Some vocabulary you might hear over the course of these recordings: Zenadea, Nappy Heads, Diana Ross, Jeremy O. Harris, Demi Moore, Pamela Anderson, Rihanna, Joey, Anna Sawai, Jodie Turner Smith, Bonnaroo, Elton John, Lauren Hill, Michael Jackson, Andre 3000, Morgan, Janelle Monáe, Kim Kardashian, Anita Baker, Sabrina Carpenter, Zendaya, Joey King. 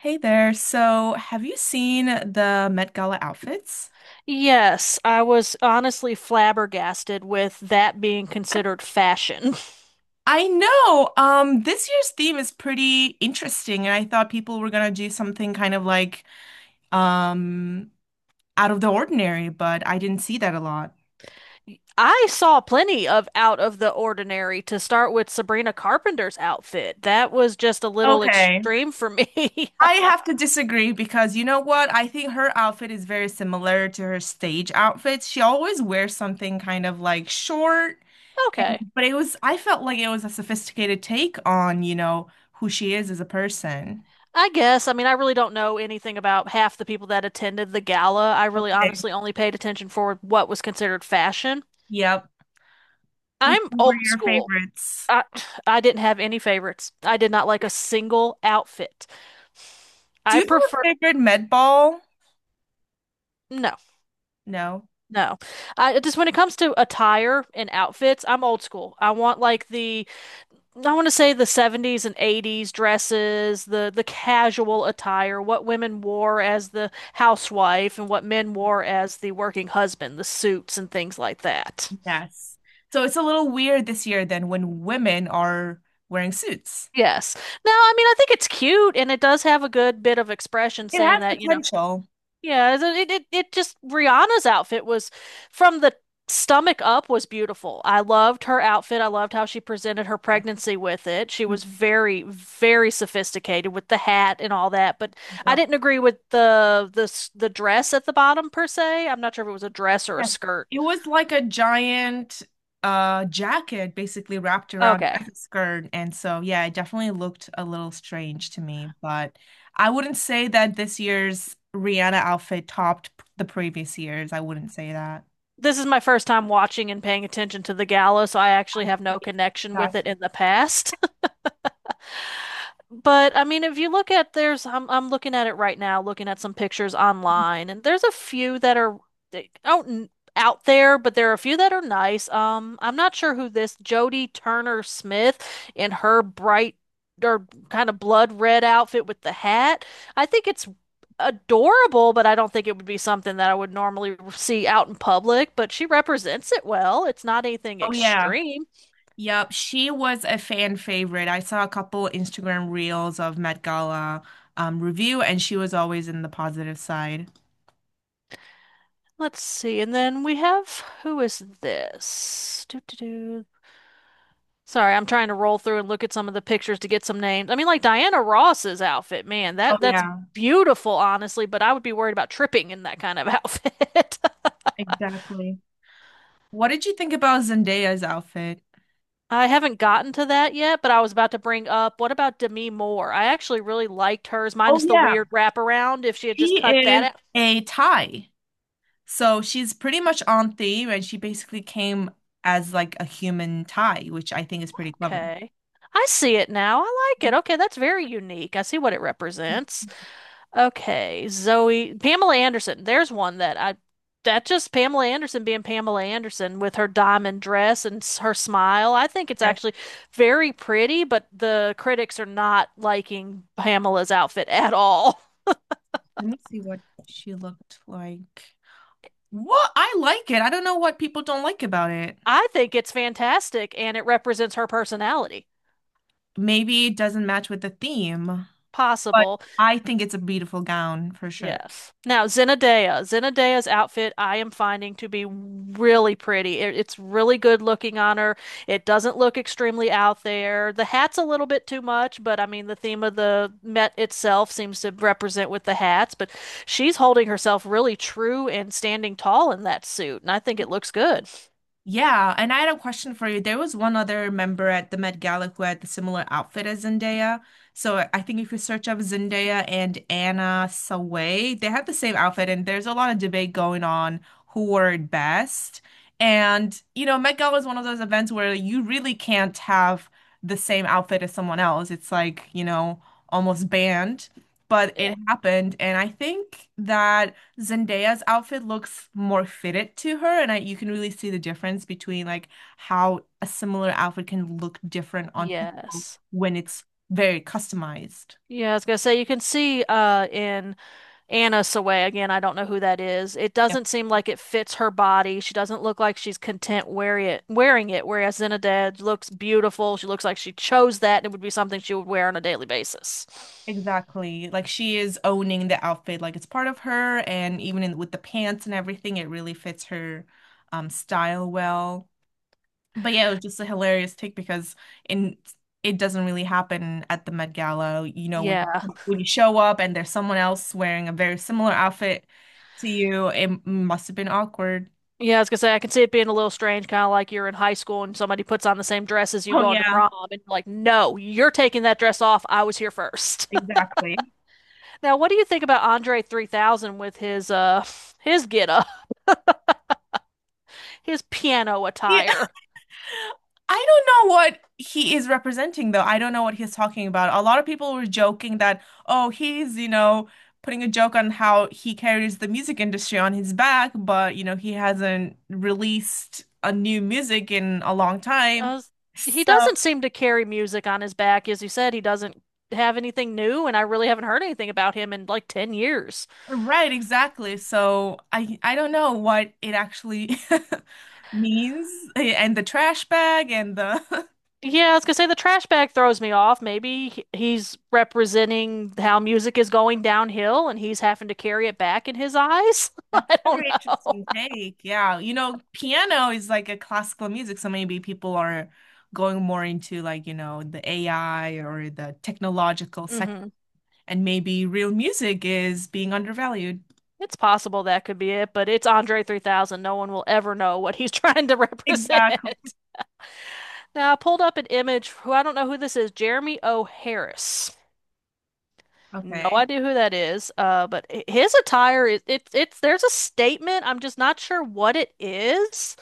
Hey there. So, have you seen the Met Gala outfits? Yes, I was honestly flabbergasted with that being considered fashion. I know. This year's theme is pretty interesting, and I thought people were gonna do something kind of like um out of the ordinary, but I didn't see that a lot. I saw plenty of out of the ordinary to start with Sabrina Carpenter's outfit. That was just a little Okay. extreme for me. I have to disagree because you know what? I think her outfit is very similar to her stage outfits. She always wears something kind of like short, Okay. but it was, I felt like it was a sophisticated take on, you know, who she is as a person. I guess. I mean, I really don't know anything about half the people that attended the gala. I really Okay. honestly only paid attention for what was considered fashion. Yep. Which I'm one were old your school. favorites? I I didn't have any favorites. I did not like a single outfit. Do I you have a prefer favorite med ball? no. No. No. I just when it comes to attire and outfits, I'm old school. I want like the. I want to say the 70s and 80s dresses, the casual attire, what women wore as the housewife and what men wore as the working husband, the suits and things like that. Yes. So it's a little weird this year then when women are wearing suits. Yes. Now, I mean, I think it's cute and it does have a good bit of expression It saying has that. potential. It just Rihanna's outfit was from the stomach up was beautiful. I loved her outfit. I loved how she presented her Yes. pregnancy with it. She Mhm. was very, very sophisticated with the hat and all that. But I Yep. didn't agree with the dress at the bottom per se. I'm not sure if it was a dress or a Yes. skirt. It was like a giant jacket basically wrapped around Okay. as a skirt. And so yeah, it definitely looked a little strange to me, but I wouldn't say that this year's Rihanna outfit topped the previous years. I wouldn't say that. This is my first time watching and paying attention to the gala, so I I actually have no see. connection with Gotcha. it in the past. But I mean, if you look at I'm looking at it right now, looking at some pictures online, and there's a few that are they- out n- out there, but there are a few that are nice. I'm not sure who this Jodie Turner Smith in her bright or kind of blood red outfit with the hat. I think it's adorable, but I don't think it would be something that I would normally see out in public. But she represents it well. It's not anything Oh yeah. extreme. Yep. She was a fan favorite. I saw a couple Instagram reels of Met Gala review, and she was always in the positive side. Let's see. And then we have who is this? Doo, doo, doo. Sorry, I'm trying to roll through and look at some of the pictures to get some names. I mean, like Diana Ross's outfit, man, Oh that's yeah, beautiful, honestly, but I would be worried about tripping in that kind of outfit. exactly. What did you think about Zendaya's outfit? I haven't gotten to that yet, but I was about to bring up, what about Demi Moore? I actually really liked hers, Oh minus the yeah, weird wraparound. If she had just she cut that is out. a Thai. So she's pretty much on theme, and she basically came as like a human Thai, which I think is pretty clever. Okay. I see it now. I like it. Okay, that's very unique. I see what it represents. Okay, Zoe, Pamela Anderson. There's one that I That just Pamela Anderson being Pamela Anderson with her diamond dress and her smile. I think it's Yes. actually very pretty, but the critics are not liking Pamela's outfit at all. Let me see what she looked like. What? I like it. I don't know what people don't like about it. I think it's fantastic and it represents her personality. Maybe it doesn't match with the theme, but Possible. I think it's a beautiful gown for sure. Yes. Now, Zenadea. Zenadea's outfit I am finding to be really pretty. It's really good looking on her. It doesn't look extremely out there. The hat's a little bit too much, but I mean, the theme of the Met itself seems to represent with the hats, but she's holding herself really true and standing tall in that suit, and I think it looks good. Yeah, and I had a question for you. There was one other member at the Met Gala who had the similar outfit as Zendaya. So I think if you search up Zendaya and Anna Sawai, they had the same outfit, and there's a lot of debate going on who wore it best. And you know, Met Gala is one of those events where you really can't have the same outfit as someone else. It's like, you know, almost banned. But Yeah. it happened, and I think that. Zendaya's outfit looks more fitted to her, and I, you can really see the difference between like how a similar outfit can look different on people Yes. when it's very customized. Yeah, I was gonna say you can see in Anna Sawai, again, I don't know who that is. It Yep. doesn't seem like it fits her body. She doesn't look like she's content wearing it, whereas Zinedad looks beautiful. She looks like she chose that and it would be something she would wear on a daily basis. Exactly. Like she is owning the outfit, like it's part of her, and with the pants and everything, it really fits her style well. But yeah, it was just a hilarious take because in it doesn't really happen at the Met Gala. You know, Yeah. when you show up and there's someone else wearing a very similar outfit to you, it must have been awkward. Yeah, I was gonna say I can see it being a little strange, kind of like you're in high school and somebody puts on the same dress as you Oh going to yeah, prom, and you're like, no, you're taking that dress off. I was here first. exactly. Now, what do you think about Andre 3000 with his get up, his piano Yeah, attire? I don't know what he is representing, though. I don't know what he's talking about. A lot of people were joking that, oh, he's, you know, putting a joke on how he carries the music industry on his back, but, you know, he hasn't released a new music in a long time. Uh, he So, doesn't seem to carry music on his back. As you said, he doesn't have anything new, and I really haven't heard anything about him in like 10 years. right, exactly. So I don't know what it actually means, and the trash bag and the Yeah, I was gonna say the trash bag throws me off. Maybe he's representing how music is going downhill and he's having to carry it back in his eyes. That's I a don't very know. interesting take. Yeah. You know, piano is like a classical music, so maybe people are going more into like, you know, the AI or the technological sec Hmm. and maybe real music is being undervalued. It's possible that could be it, but it's Andre 3000. No one will ever know what he's trying to Exactly. represent. Now, I pulled up an image. Who I don't know who this is, Jeremy O. Harris. No Okay. idea who that is. His attire is it's there's a statement. I'm just not sure what it is.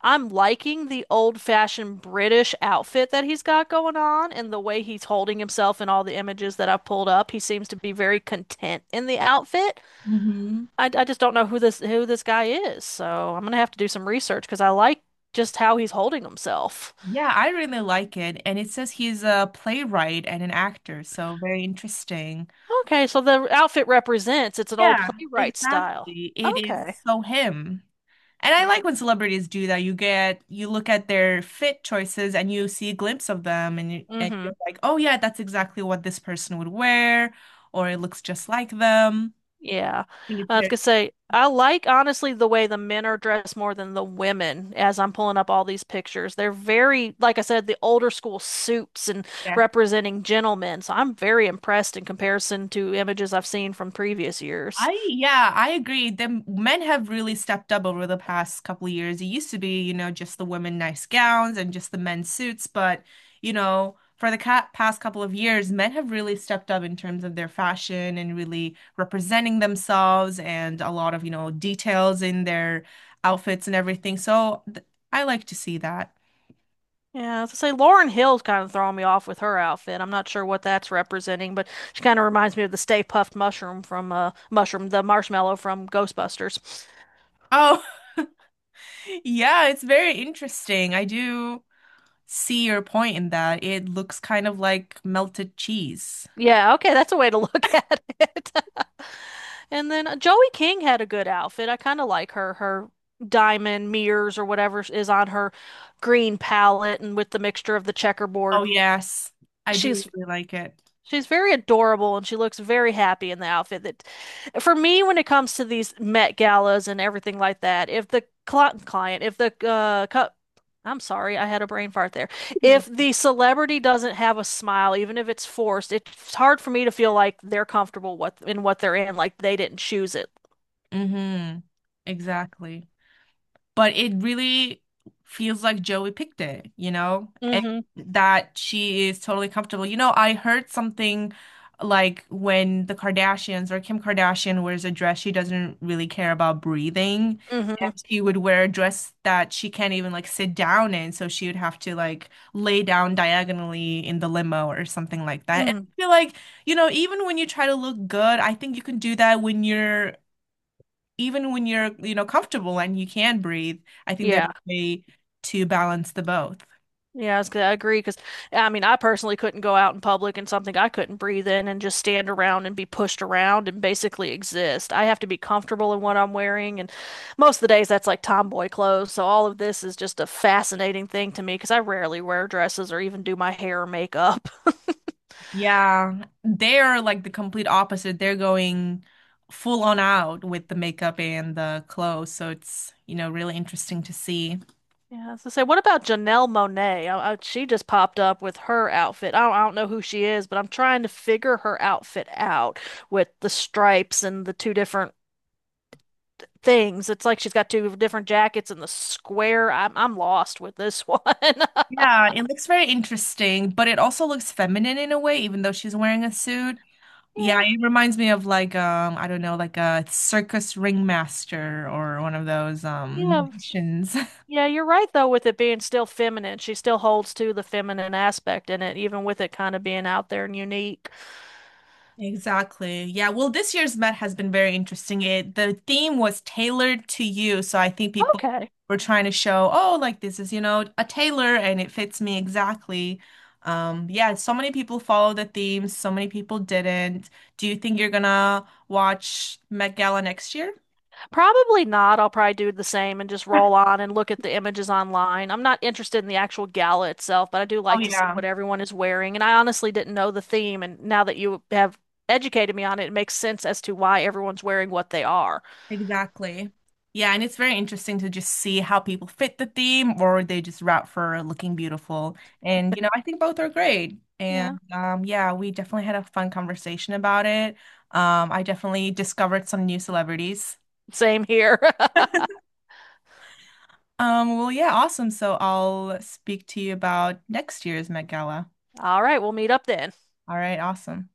I'm liking the old-fashioned British outfit that he's got going on and the way he's holding himself in all the images that I've pulled up. He seems to be very content in the outfit. Hmm. I just don't know who this guy is. So I'm gonna have to do some research because I like just how he's holding himself. Yeah, I really like it. And it says he's a playwright and an actor, so very interesting. Okay, so the outfit represents it's an old Yeah, playwright style. exactly. It is Okay. so him. And I like Okay. when celebrities do that. You look at their fit choices and you see a glimpse of them and and Mm-hmm. you're like, "Oh yeah, that's exactly what this person would wear," or it looks just like them. Yeah. I think it's I was very, gonna say, I like honestly the way the men are dressed more than the women as I'm pulling up all these pictures. They're very, like I said, the older school suits and yeah, representing gentlemen. So I'm very impressed in comparison to images I've seen from previous years. Yeah, I agree. The men have really stepped up over the past couple of years. It used to be, you know, just the women nice gowns and just the men suits, but you know, for the ca past couple of years, men have really stepped up in terms of their fashion and really representing themselves and a lot of, you know, details in their outfits and everything. So th I like to see that. Yeah, I was gonna say Lauren Hill's kind of throwing me off with her outfit. I'm not sure what that's representing, but she kind of reminds me of the Stay Puffed Mushroom from the marshmallow from Ghostbusters. Oh, yeah, it's very interesting. I do see your point in that. It looks kind of like melted cheese. Yeah, okay, that's a way to look at it. And then Joey King had a good outfit. I kind of like her diamond mirrors or whatever is on her green palette and with the mixture of the Oh checkerboard. yes, I do She's really like it. She's very adorable and she looks very happy in the outfit that for me when it comes to these Met galas and everything like that, if the cli- client, if the cu- I'm sorry, I had a brain fart there. If the celebrity doesn't have a smile, even if it's forced, it's hard for me to feel like they're comfortable what in what they're in, like they didn't choose it. Mm-hmm. Exactly. But it really feels like Joey picked it, you know, and Hmm. that she is totally comfortable. You know, I heard something like when the Kardashians or Kim Kardashian wears a dress, she doesn't really care about breathing. Hmm. And she would wear a dress that she can't even like sit down in, so she would have to like lay down diagonally in the limo or something like that. And Mm. I feel like, you know, even when you try to look good, I think you can do that when you're even when you're, you know, comfortable and you can breathe, I think there's Yeah. a way to balance the both. Yeah, I was gonna I agree because I mean, I personally couldn't go out in public in something I couldn't breathe in and just stand around and be pushed around and basically exist. I have to be comfortable in what I'm wearing, and most of the days that's like tomboy clothes. So all of this is just a fascinating thing to me because I rarely wear dresses or even do my hair or makeup. Yeah, they're like the complete opposite. They're going full on out with the makeup and the clothes, so it's, you know, really interesting to see. Yeah, so say, what about Janelle Monáe? She just popped up with her outfit. I don't know who she is, but I'm trying to figure her outfit out with the stripes and the two different things. It's like she's got two different jackets in the square. I'm lost with this one. Yeah, it looks very interesting, but it also looks feminine in a way, even though she's wearing a suit. Yeah, Yeah, it reminds me of like I don't know, like a circus ringmaster or one of those yeah, magicians. yeah. You're right though with it being still feminine. She still holds to the feminine aspect in it, even with it kind of being out there and unique. Exactly. Yeah. Well, this year's Met has been very interesting. It The theme was tailored to you, so I think people Okay, were trying to show, oh, like this is, you know, a tailor and it fits me exactly. Yeah, so many people followed the theme, so many people didn't. Do you think you're gonna watch Met Gala next year? probably not. I'll probably do the same and just roll on and look at the images online. I'm not interested in the actual gala itself, but I do Oh like to see yeah. what everyone is wearing. And I honestly didn't know the theme, and now that you have educated me on it, it makes sense as to why everyone's wearing what they are. Exactly. Yeah, and it's very interesting to just see how people fit the theme or they just route for looking beautiful. And you know, I think both are great. Yeah. And yeah, we definitely had a fun conversation about it. I definitely discovered some new celebrities. Same here. Well yeah, awesome. So I'll speak to you about next year's Met Gala. All right, we'll meet up then. All right, awesome.